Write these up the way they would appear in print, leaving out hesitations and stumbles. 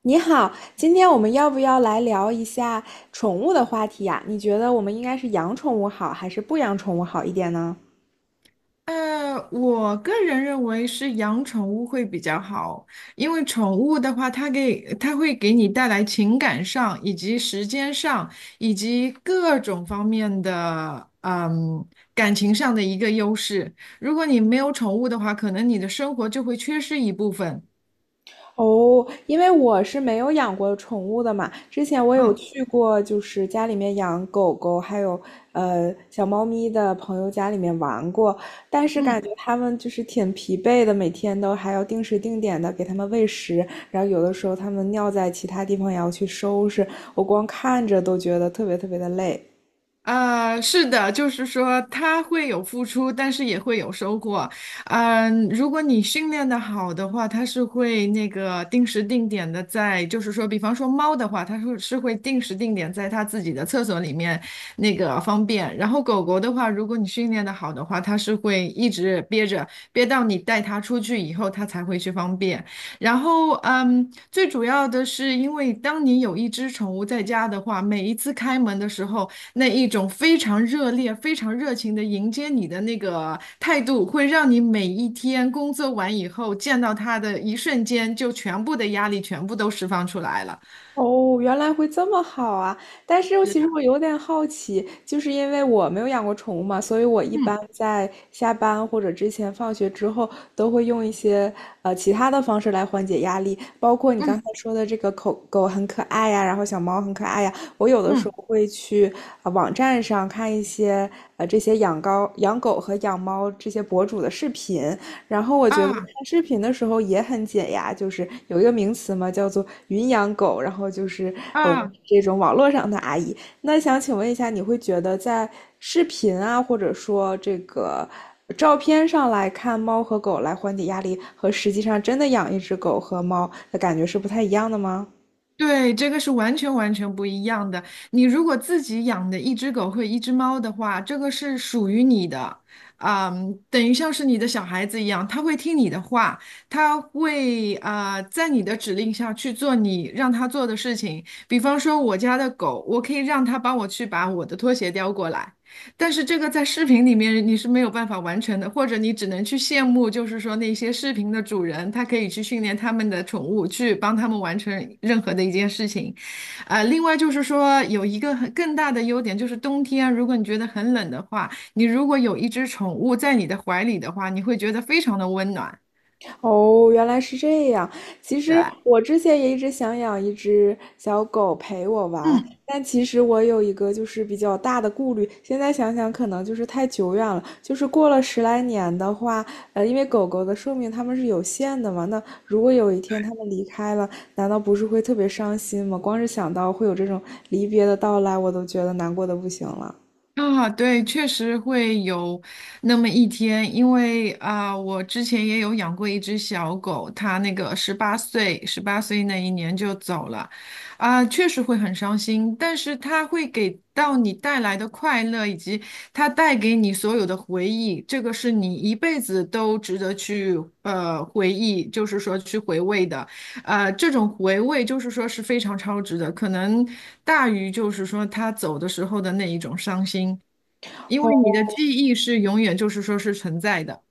你好，今天我们要不要来聊一下宠物的话题呀？你觉得我们应该是养宠物好，还是不养宠物好一点呢？我个人认为是养宠物会比较好，因为宠物的话，它会给你带来情感上，以及时间上，以及各种方面的，感情上的一个优势。如果你没有宠物的话，可能你的生活就会缺失一部分。哦，因为我是没有养过宠物的嘛，之前我有嗯去过，就是家里面养狗狗，还有小猫咪的朋友家里面玩过，但是感嗯。觉它们就是挺疲惫的，每天都还要定时定点的给它们喂食，然后有的时候它们尿在其他地方也要去收拾，我光看着都觉得特别特别的累。是的，就是说它会有付出，但是也会有收获。如果你训练的好的话，它是会那个定时定点的在，就是说，比方说猫的话，它是会定时定点在它自己的厕所里面那个方便。然后狗狗的话，如果你训练的好的话，它是会一直憋着，憋到你带它出去以后，它才会去方便。然后，最主要的是，因为当你有一只宠物在家的话，每一次开门的时候，那一种非常热烈、非常热情的迎接你的那个态度，会让你每一天工作完以后见到他的一瞬间，就全部的压力全部都释放出来了。哦，原来会这么好啊！但是是其实的，我有点好奇，就是因为我没有养过宠物嘛，所以我一嗯般在下班或者之前放学之后，都会用一些其他的方式来缓解压力，包括你刚才嗯说的这个狗狗很可爱呀，然后小猫很可爱呀，我有的时候嗯，会去网站上看一些这些养高养狗和养猫这些博主的视频，然后我觉得啊看视频的时候也很解压，就是有一个名词嘛，叫做“云养狗”，然后就是我们啊。这种网络上的阿姨。那想请问一下，你会觉得在视频啊，或者说这个照片上来看猫和狗来缓解压力，和实际上真的养一只狗和猫的感觉是不太一样的吗？对，这个是完全完全不一样的。你如果自己养的一只狗或一只猫的话，这个是属于你的，啊，等于像是你的小孩子一样，它会听你的话，它会在你的指令下去做你让它做的事情。比方说我家的狗，我可以让它帮我去把我的拖鞋叼过来，但是这个在视频里面你是没有办法完成的，或者你只能去羡慕，就是说那些视频的主人，他可以去训练他们的宠物，去帮他们完成任何的一件事情。另外就是说有一个很更大的优点，就是冬天啊如果你觉得很冷的话，你如果有一只宠物在你的怀里的话，你会觉得非常的温暖，哦，原来是这样。其对实吧？我之前也一直想养一只小狗陪我玩，嗯。但其实我有一个就是比较大的顾虑。现在想想，可能就是太久远了。就是过了十来年的话，因为狗狗的寿命它们是有限的嘛，那如果有一天它们离开了，难道不是会特别伤心吗？光是想到会有这种离别的到来，我都觉得难过的不行了。啊，对，确实会有那么一天，因为啊，我之前也有养过一只小狗，它那个十八岁那一年就走了，啊，确实会很伤心，但是它会给到你带来的快乐，以及它带给你所有的回忆，这个是你一辈子都值得去回忆，就是说去回味的。这种回味就是说是非常超值的，可能大于就是说他走的时候的那一种伤心，因为你哦，的记忆是永远就是说是存在的。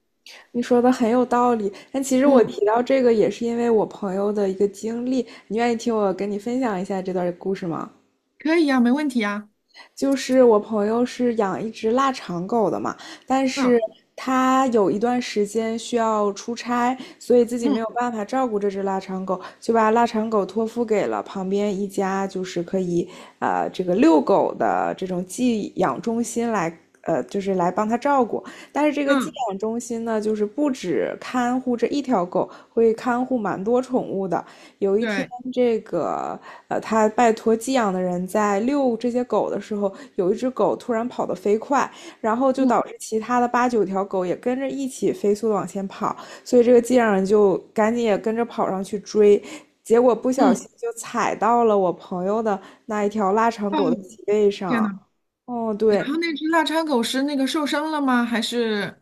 你说的很有道理，但其实我嗯，提到这个也是因为我朋友的一个经历。你愿意听我跟你分享一下这段故事吗？可以呀、没问题呀。就是我朋友是养一只腊肠狗的嘛，但嗯是他有一段时间需要出差，所以自己没嗯有办法照顾这只腊肠狗，就把腊肠狗托付给了旁边一家就是可以这个遛狗的这种寄养中心来。就是来帮他照顾，但是这个寄嗯，养中心呢，就是不止看护这一条狗，会看护蛮多宠物的，有一天，对，这个他拜托寄养的人在遛这些狗的时候，有一只狗突然跑得飞快，然后就嗯导致其他的八九条狗也跟着一起飞速的往前跑，所以这个寄养人就赶紧也跟着跑上去追，结果不小嗯，心就踩到了我朋友的那一条腊肠哦，狗的脊背天上。呐，哦，然对，后那只腊肠狗是那个受伤了吗？还是？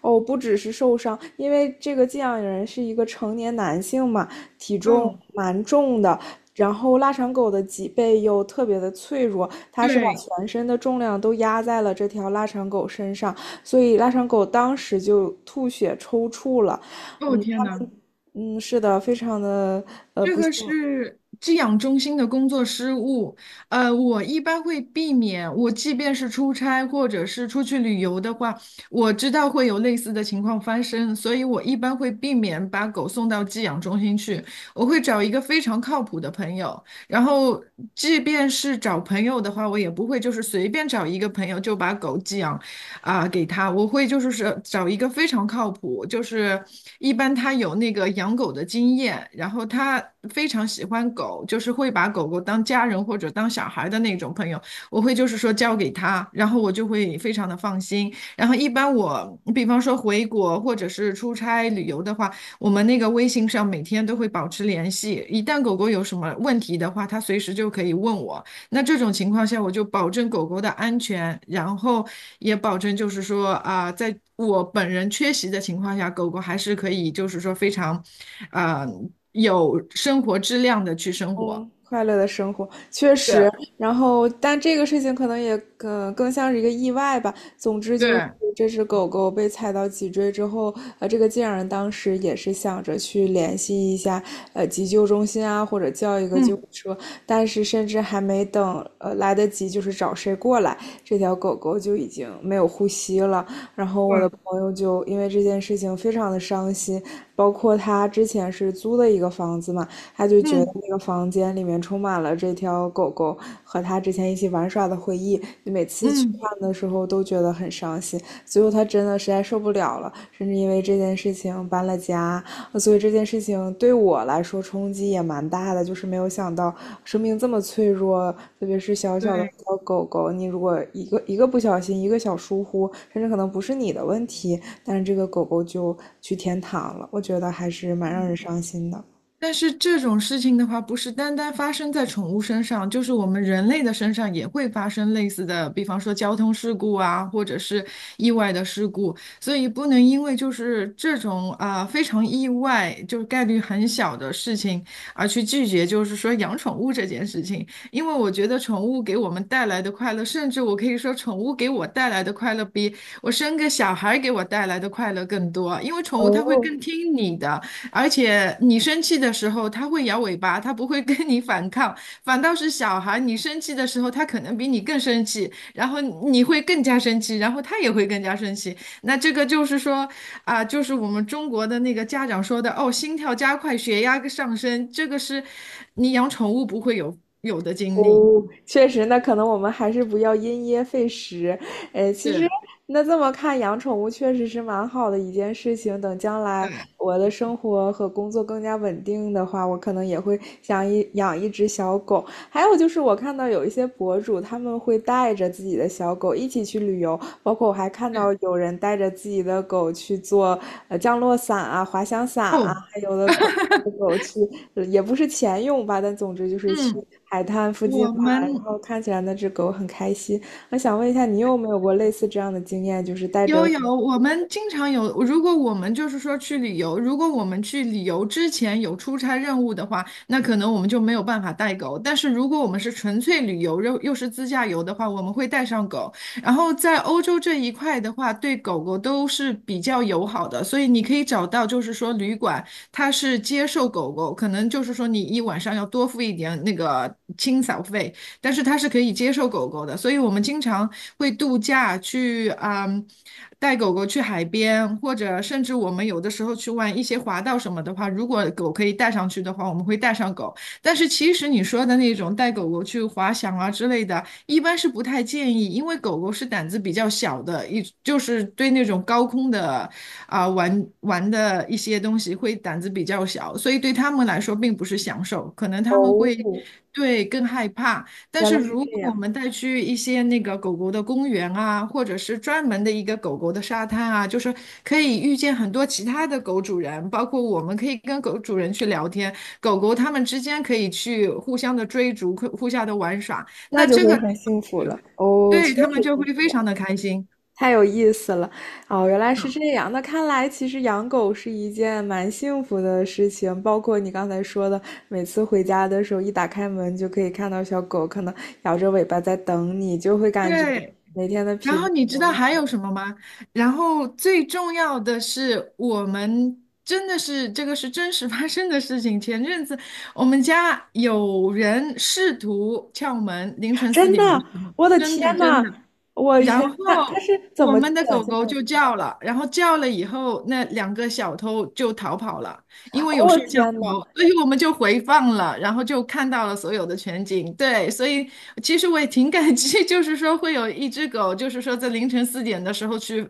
哦，不只是受伤，因为这个寄养人是一个成年男性嘛，体重哦，蛮重的，然后腊肠狗的脊背又特别的脆弱，它是把对，全身的重量都压在了这条腊肠狗身上，所以腊肠狗当时就吐血抽搐了。哦嗯，天它们呐。嗯，是的，非常的这不幸。个是寄养中心的工作失误，我一般会避免，我即便是出差或者是出去旅游的话，我知道会有类似的情况发生，所以我一般会避免把狗送到寄养中心去，我会找一个非常靠谱的朋友，然后即便是找朋友的话，我也不会就是随便找一个朋友就把狗寄养给他，我会就是找一个非常靠谱，就是一般他有那个养狗的经验，然后他非常喜欢狗，就是会把狗狗当家人或者当小孩的那种朋友，我会就是说交给他，然后我就会非常的放心。然后一般我比方说回国或者是出差旅游的话，我们那个微信上每天都会保持联系，一旦狗狗有什么问题的话，他随时就可以问我。那这种情况下，我就保证狗狗的安全，然后也保证就是说在我本人缺席的情况下，狗狗还是可以就是说非常，啊、有生活质量的去生活。嗯，快乐的生活确实，对然后但这个事情可能也更像是一个意外吧。总之就是对，这只狗狗被踩到脊椎之后，这个竟然当时也是想着去联系一下急救中心啊，或者叫一个救嗯，护车，但是甚至还没等来得及就是找谁过来，这条狗狗就已经没有呼吸了。然后我的对，朋友就因为这件事情非常的伤心，包括他之前是租的一个房子嘛。他就觉得嗯那个房间里面充满了这条狗狗和他之前一起玩耍的回忆，你每次去嗯，看的时候都觉得很伤心。最后他真的实在受不了了，甚至因为这件事情搬了家。所以这件事情对我来说冲击也蛮大的，就是没有想到生命这么脆弱，特别是小小的对。小狗狗，你如果一个不小心，一个小疏忽，甚至可能不是你的问题，但是这个狗狗就去天堂了，我觉得还是蛮让人伤心的。但是这种事情的话，不是单单发生在宠物身上，就是我们人类的身上也会发生类似的，比方说交通事故啊，或者是意外的事故。所以不能因为就是这种非常意外，就是概率很小的事情而去拒绝，就是说养宠物这件事情。因为我觉得宠物给我们带来的快乐，甚至我可以说宠物给我带来的快乐比我生个小孩给我带来的快乐更多，因为宠物它会哦，更听你的。而且你生气的时候，它会摇尾巴，它不会跟你反抗，反倒是小孩，你生气的时候，他可能比你更生气，然后你会更加生气，然后他也会更加生气。那这个就是说，就是我们中国的那个家长说的，哦，心跳加快，血压上升，这个是你养宠物不会有的经历。哦，确实，那可能我们还是不要因噎废食。诶，其实是，那这么看，养宠物确实是蛮好的一件事情。等将来对，我的生活和工作更加稳定的话，我可能也会想一养一只小狗。还有就是，我看到有一些博主他们会带着自己的小狗一起去旅游，包括我还看是，到有人带着自己的狗去做降落伞啊、滑翔伞啊，哦，还有的狗。狗去也不是钱用吧，但总之就是去嗯，海滩附近我玩，然们。后看起来那只狗很开心。我想问一下，你有没有过类似这样的经验，就是带着有有，我们经常有。如果我们就是说去旅游，如果我们去旅游之前有出差任务的话，那可能我们就没有办法带狗。但是如果我们是纯粹旅游，又是自驾游的话，我们会带上狗。然后在欧洲这一块的话，对狗狗都是比较友好的，所以你可以找到就是说旅馆它是接受狗狗，可能就是说你一晚上要多付一点那个清扫费。但是它是可以接受狗狗的，所以我们经常会度假去带狗狗去海边，或者甚至我们有的时候去玩一些滑道什么的话，如果狗可以带上去的话，我们会带上狗。但是其实你说的那种带狗狗去滑翔啊之类的，一般是不太建议，因为狗狗是胆子比较小的，就是对那种高空的玩玩的一些东西会胆子比较小，所以对它们来说并不是享受，可能它们哦，会对更害怕。但原是来是如这果我样，们带去一些那个狗狗的公园啊，或者是专门的一个狗狗的沙滩啊，就是可以遇见很多其他的狗主人，包括我们可以跟狗主人去聊天，狗狗它们之间可以去互相的追逐，互相的玩耍，那那就这会个很幸福了。哦，对确他们实就是会这非常样，的开心。太有意思了。哦，原来是这样。那看来其实养狗是一件蛮幸福的事情，包括你刚才说的，每次回家的时候一打开门就可以看到小狗，可能摇着尾巴在等你，就会感觉对，每天的然疲惫后你知道还都有什么吗？然后最重要的是，我们真的是这个是真实发生的事情。前阵子我们家有人试图撬门，凌晨四真的，点的时候，我的真的天真呐，的。我的然天，他后是怎我么卷们的狗进狗来的？就叫了，然后叫了以后，那两个小偷就逃跑了，因为哦，有我摄天像呐，头，所以我们就回放了，然后就看到了所有的全景。对，所以其实我也挺感激，就是说会有一只狗，就是说在凌晨四点的时候去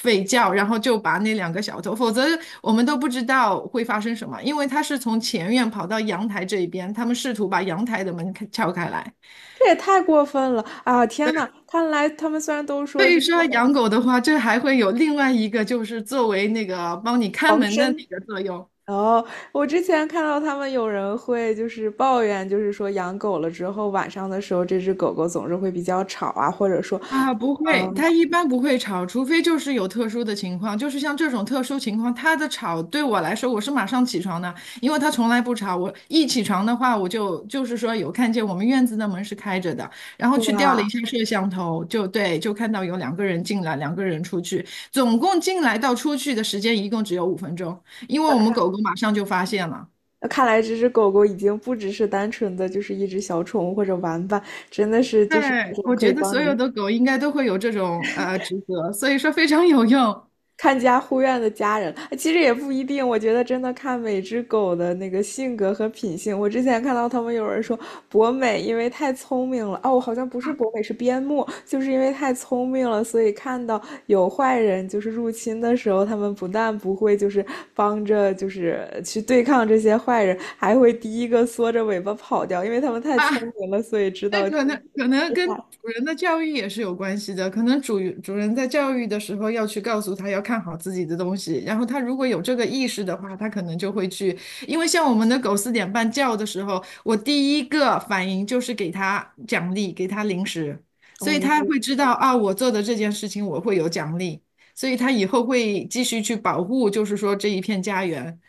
吠叫，然后就把那两个小偷，否则我们都不知道会发生什么，因为它是从前院跑到阳台这一边，他们试图把阳台的门撬开来。这也太过分了啊！天呐，看来他们虽然都所说以就是说养狗的话，这还会有另外一个，就是作为那个帮你看防门的那身，个作用哦，我之前看到他们有人会就是抱怨，就是说养狗了之后晚上的时候，这只狗狗总是会比较吵啊，或者说，啊。不会，它一般不会吵，除非就是有特殊的情况，就是像这种特殊情况，它的吵对我来说，我是马上起床的，因为它从来不吵。我一起床的话，我就是说有看见我们院子的门是开着的，然后去调了一哇。下摄像头，就对，就看到有两个人进来，两个人出去，总共进来到出去的时间一共只有5分钟，因为我们狗狗马上就发现了。那看来这只狗狗已经不只是单纯的就是一只小宠物或者玩伴，真的是就是对，那种我可以觉得帮所有你的狗应该都会有这种职责，所以说非常有用看家护院的家人，其实也不一定。我觉得真的看每只狗的那个性格和品性。我之前看到他们有人说博美因为太聪明了，哦，好像不是博美，是边牧，就是因为太聪明了，所以看到有坏人就是入侵的时候，他们不但不会就是帮着就是去对抗这些坏人，还会第一个缩着尾巴跑掉，因为他们太啊。聪明了，所以知那道去可能跟害。主人的教育也是有关系的，可能主人在教育的时候要去告诉他要看好自己的东西，然后他如果有这个意识的话，他可能就会去。因为像我们的狗4点半叫的时候，我第一个反应就是给它奖励，给它零食，所以它哦。会知道啊，我做的这件事情我会有奖励。所以它以后会继续去保护，就是说这一片家园。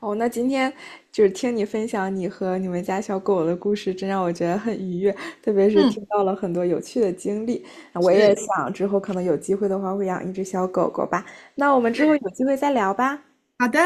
哦，那今天就是听你分享你和你们家小狗的故事，真让我觉得很愉悦，特别是听嗯，到了很多有趣的经历。我也是，想之后可能有机会的话会养一只小狗狗吧。那我们之后对，有机会再聊吧。好的。